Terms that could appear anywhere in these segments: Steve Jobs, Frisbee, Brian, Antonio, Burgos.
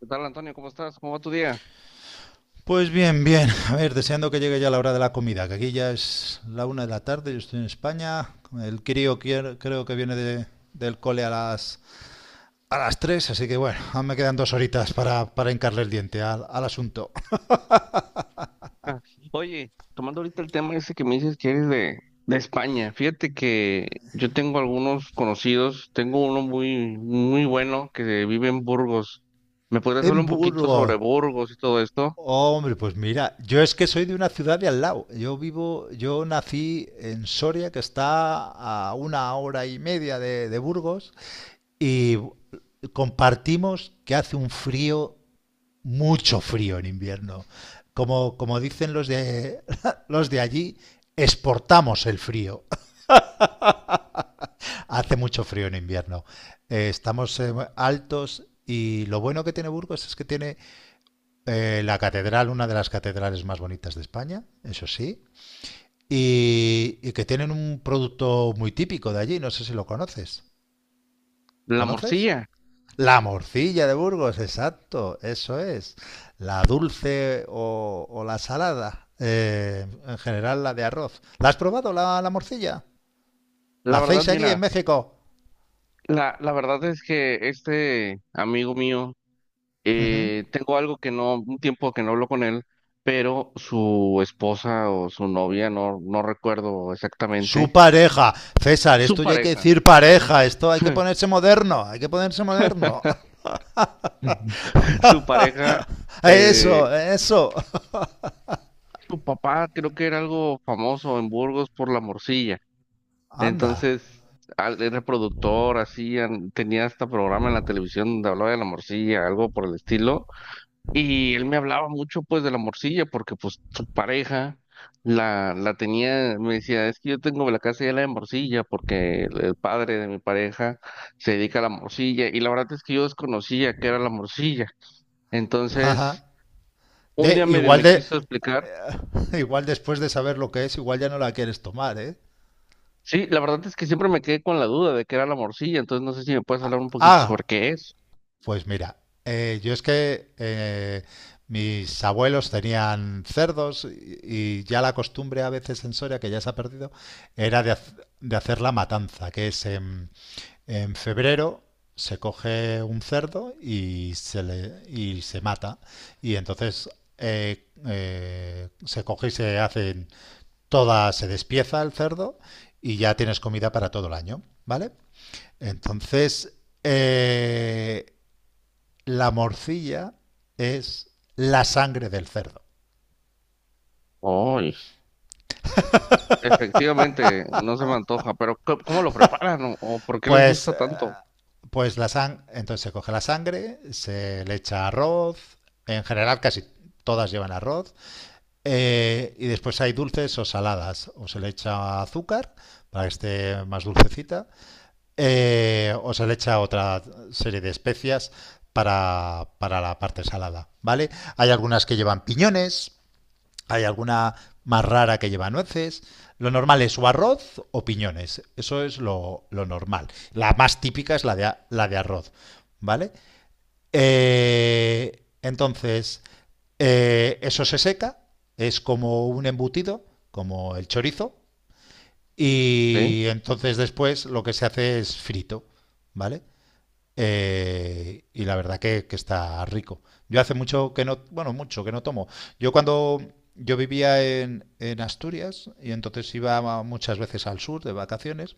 ¿Qué tal, Antonio? ¿Cómo estás? ¿Cómo va tu día? Pues bien, bien. A ver, deseando que llegue ya la hora de la comida, que aquí ya es la una de la tarde, yo estoy en España. Creo que viene del cole a las 3, así que bueno, aún me quedan 2 horitas para hincarle el diente al asunto. Ah, oye, tomando ahorita el tema ese que me dices que eres de España, fíjate que yo tengo algunos conocidos, tengo uno muy, muy bueno que vive en Burgos. ¿Me podrías hablar En un poquito sobre Burgos. Burgos y todo esto? Hombre, pues mira, yo es que soy de una ciudad de al lado. Yo nací en Soria, que está a una hora y media de Burgos, y compartimos que hace un frío mucho frío en invierno. Como dicen los de, los de allí, exportamos el frío. Hace mucho frío en invierno. Estamos altos y lo bueno que tiene Burgos es que tiene la catedral, una de las catedrales más bonitas de España, eso sí, y que tienen un producto muy típico de allí, no sé si lo conoces. La ¿Conoces? morcilla. La morcilla de Burgos, exacto, eso es. La dulce o la salada, en general la de arroz. ¿La has probado la morcilla? La ¿La verdad, hacéis allí mira, en México? la verdad es que este amigo mío, Ujú. Tengo algo que no, un tiempo que no hablo con él, pero su esposa o su novia, no, no recuerdo Su exactamente. pareja. César, Su esto ya hay que pareja. decir pareja, esto hay que ponerse moderno, hay que ponerse moderno. Su pareja, eh, Eso, eso. su papá creo que era algo famoso en Burgos por la morcilla. Anda. Entonces, al, era productor, hacían, tenía hasta programa en la televisión donde hablaba de la morcilla, algo por el estilo. Y él me hablaba mucho pues de la morcilla porque pues su pareja la tenía, me decía, es que yo tengo la casa llena de morcilla porque el padre de mi pareja se dedica a la morcilla. Y la verdad es que yo desconocía que era la morcilla. Entonces, un De, día medio igual, me de, quiso explicar. igual después de saber lo que es, igual ya no la quieres tomar, ¿eh? Sí, la verdad es que siempre me quedé con la duda de qué era la morcilla, entonces no sé si me puedes hablar un poquito Ah, sobre qué es. pues mira, yo es que mis abuelos tenían cerdos y ya la costumbre a veces en Soria, que ya se ha perdido, era de hacer la matanza, que es en febrero se coge un cerdo y se mata. Y entonces se coge y se hacen se despieza el cerdo y ya tienes comida para todo el año, ¿vale? Entonces, eh, la morcilla es la sangre del cerdo. Ay, efectivamente, no se me antoja, pero ¿cómo, cómo lo preparan o por qué les Pues, gusta tanto? pues la sang entonces se coge la sangre, se le echa arroz, en general casi todas llevan arroz, y después hay dulces o saladas, o se le echa azúcar para que esté más dulcecita, o se le echa otra serie de especias para la parte salada, ¿vale? Hay algunas que llevan piñones. Hay alguna más rara que lleva nueces. Lo normal es o arroz o piñones. Eso es lo normal. La más típica es la de arroz. ¿Vale? Entonces, eso se seca. Es como un embutido, como el chorizo. ¿Sí? Y entonces después lo que se hace es frito. ¿Vale? Y la verdad que está rico. Yo hace mucho que no, bueno, mucho que no tomo. Yo cuando yo vivía en Asturias y entonces iba muchas veces al sur de vacaciones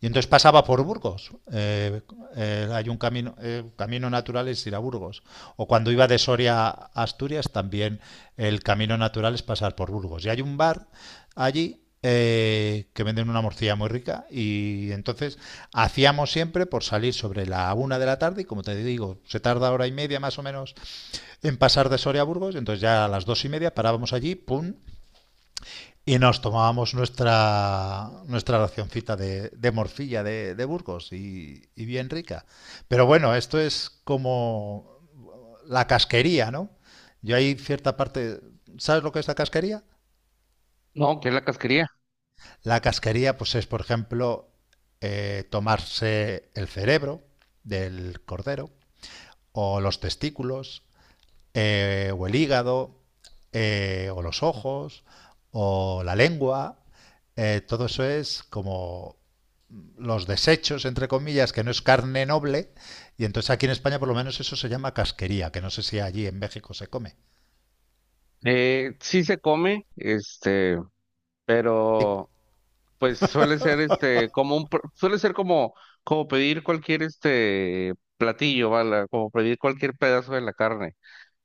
y entonces pasaba por Burgos. Hay un camino, camino natural es ir a Burgos. O cuando iba de Soria a Asturias, también el camino natural es pasar por Burgos. Y hay un bar allí que venden una morcilla muy rica y entonces hacíamos siempre por salir sobre la una de la tarde y como te digo, se tarda hora y media más o menos en pasar de Soria a Burgos, entonces ya a las 2 y media parábamos allí, pum, y nos tomábamos nuestra racioncita de morcilla de Burgos y bien rica. Pero bueno, esto es como la casquería, ¿no? Yo hay cierta parte. ¿Sabes lo que es la casquería? No, que es la casquería? La casquería pues es, por ejemplo, tomarse el cerebro del cordero o los testículos o el hígado o los ojos o la lengua. Todo eso es como los desechos, entre comillas, que no es carne noble, y entonces aquí en España por lo menos eso se llama casquería, que no sé si allí en México se come. Sí se come, este, Y- pero pues suele ser este como un suele ser como como pedir cualquier este platillo, ¿vale? Como pedir cualquier pedazo de la carne.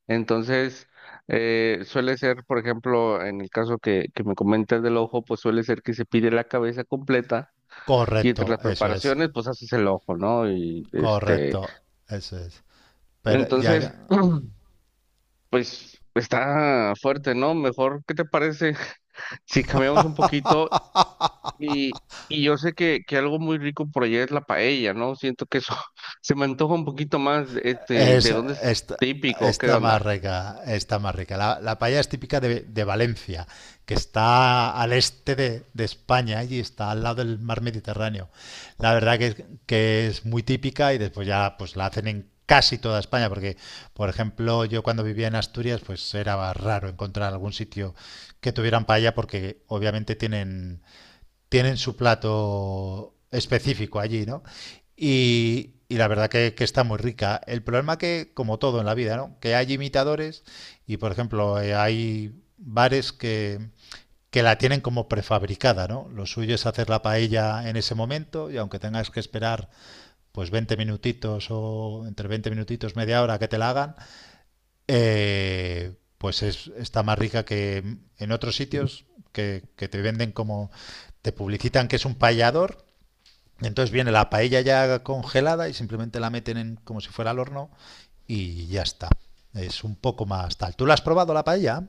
Entonces, suele ser, por ejemplo, en el caso que me comentas del ojo, pues suele ser que se pide la cabeza completa y entre correcto, las eso es, preparaciones, pues haces el ojo, ¿no? Y este, correcto, eso es. Pero entonces, ya. pues está fuerte, ¿no? Mejor, ¿qué te parece si cambiamos un poquito? Y, y yo sé que algo muy rico por allá es la paella, ¿no? Siento que eso se me antoja un poquito más, este, ¿de Es, dónde es esta- típico? ¿Qué está onda? más rica, está más rica. La paella es típica de Valencia, que está al este de España y está al lado del mar Mediterráneo. La verdad que, que es muy típica y después ya pues la hacen en casi toda España, porque por ejemplo yo cuando vivía en Asturias pues era raro encontrar algún sitio que tuvieran paella porque obviamente tienen su plato específico allí, ¿no? Y la verdad que está muy rica. El problema que, como todo en la vida, ¿no? Que hay imitadores y, por ejemplo, hay bares que la tienen como prefabricada, ¿no? Lo suyo es hacer la paella en ese momento y aunque tengas que esperar pues 20 minutitos o entre 20 minutitos, media hora que te la hagan, pues está más rica que en otros sitios que te venden te publicitan que es un paellador. Entonces viene la paella ya congelada y simplemente la meten como si fuera al horno y ya está. Es un poco más tal. ¿Tú la has probado la paella?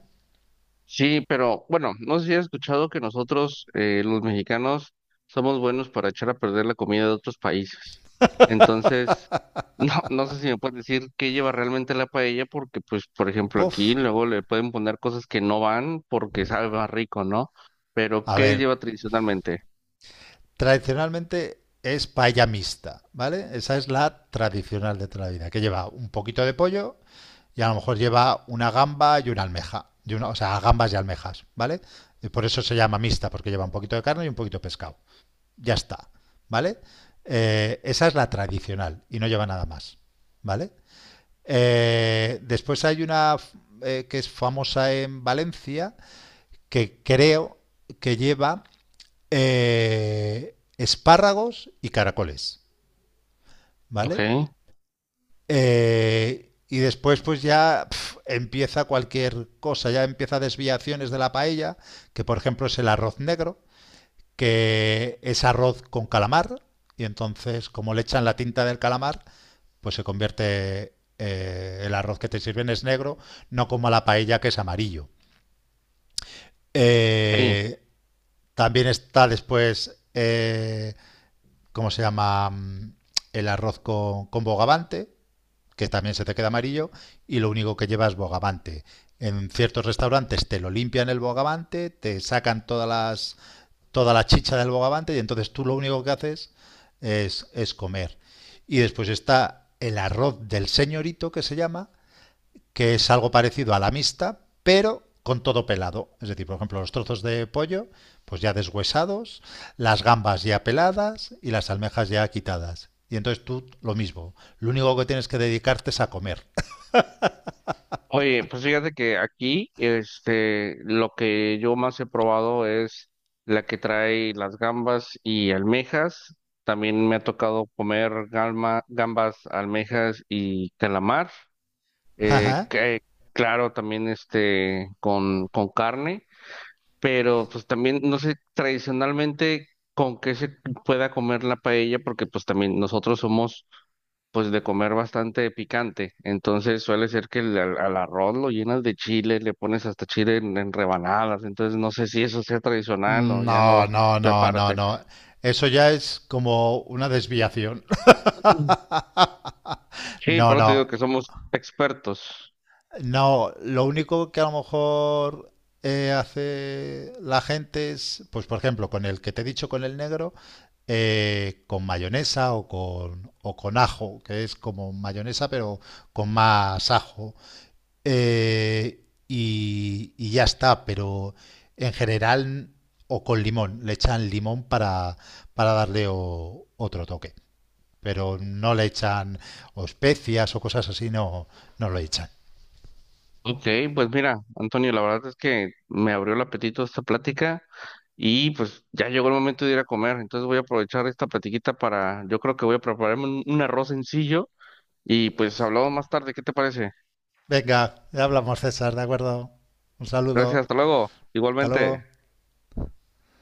Sí, pero bueno, no sé si has escuchado que nosotros, los mexicanos, somos buenos para echar a perder la comida de otros países. Entonces, no, no sé si me puedes decir qué lleva realmente la paella, porque pues, por ejemplo, aquí Puf. luego le pueden poner cosas que no van porque sabe más rico, ¿no? Pero A ¿qué ver, lleva tradicionalmente? tradicionalmente es paella mixta, ¿vale? Esa es la tradicional de toda la vida, que lleva un poquito de pollo, y a lo mejor lleva una gamba y una almeja, o sea, gambas y almejas, ¿vale? Y por eso se llama mixta, porque lleva un poquito de carne y un poquito de pescado. Ya está, ¿vale? Esa es la tradicional y no lleva nada más, ¿vale? Después hay una que es famosa en Valencia, que creo que lleva espárragos y caracoles, Ok. ¿vale? Y después pues ya empieza cualquier cosa, ya empieza desviaciones de la paella, que por ejemplo es el arroz negro, que es arroz con calamar, y entonces como le echan la tinta del calamar, pues se convierte el arroz que te sirven es negro, no como la paella que es amarillo. Eh, también está después, ¿cómo se llama? El arroz con bogavante, que también se te queda amarillo, y lo único que llevas es bogavante. En ciertos restaurantes te lo limpian el bogavante, te sacan toda la chicha del bogavante, y entonces tú lo único que haces es comer. Y después está el arroz del señorito, que se llama, que es algo parecido a la mixta, pero con todo pelado. Es decir, por ejemplo, los trozos de pollo, pues ya deshuesados, las gambas ya peladas y las almejas ya quitadas. Y entonces tú lo mismo. Lo único que tienes que dedicarte es a comer. Oye, pues fíjate que aquí, este, lo que yo más he probado es la que trae las gambas y almejas. También me ha tocado comer gambas, almejas y calamar. Que, claro, también este, con carne, pero pues también, no sé, tradicionalmente con qué se pueda comer la paella, porque pues también nosotros somos pues de comer bastante picante. Entonces suele ser que al arroz lo llenas de chile, le pones hasta chile en rebanadas. Entonces no sé si eso sea tradicional o ya no No, no, sea no, no, parte. no. Eso ya es como una desviación. Mm. Sí, No, por eso te digo no. que somos expertos. No, lo único que a lo mejor hace la gente es, pues por ejemplo, con el que te he dicho, con el negro, con mayonesa o o con ajo, que es como mayonesa pero con más ajo. Eh, y ya está, pero en general o con limón, le echan limón para darle otro toque, pero no le echan o especias o cosas así, no, no lo echan. Ok, pues mira, Antonio, la verdad es que me abrió el apetito esta plática y pues ya llegó el momento de ir a comer. Entonces voy a aprovechar esta platiquita para, yo creo que voy a prepararme un arroz sencillo y pues hablamos más tarde. ¿Qué te parece? Venga, ya hablamos César, ¿de acuerdo? Un Gracias, saludo, hasta luego. hasta Igualmente. luego.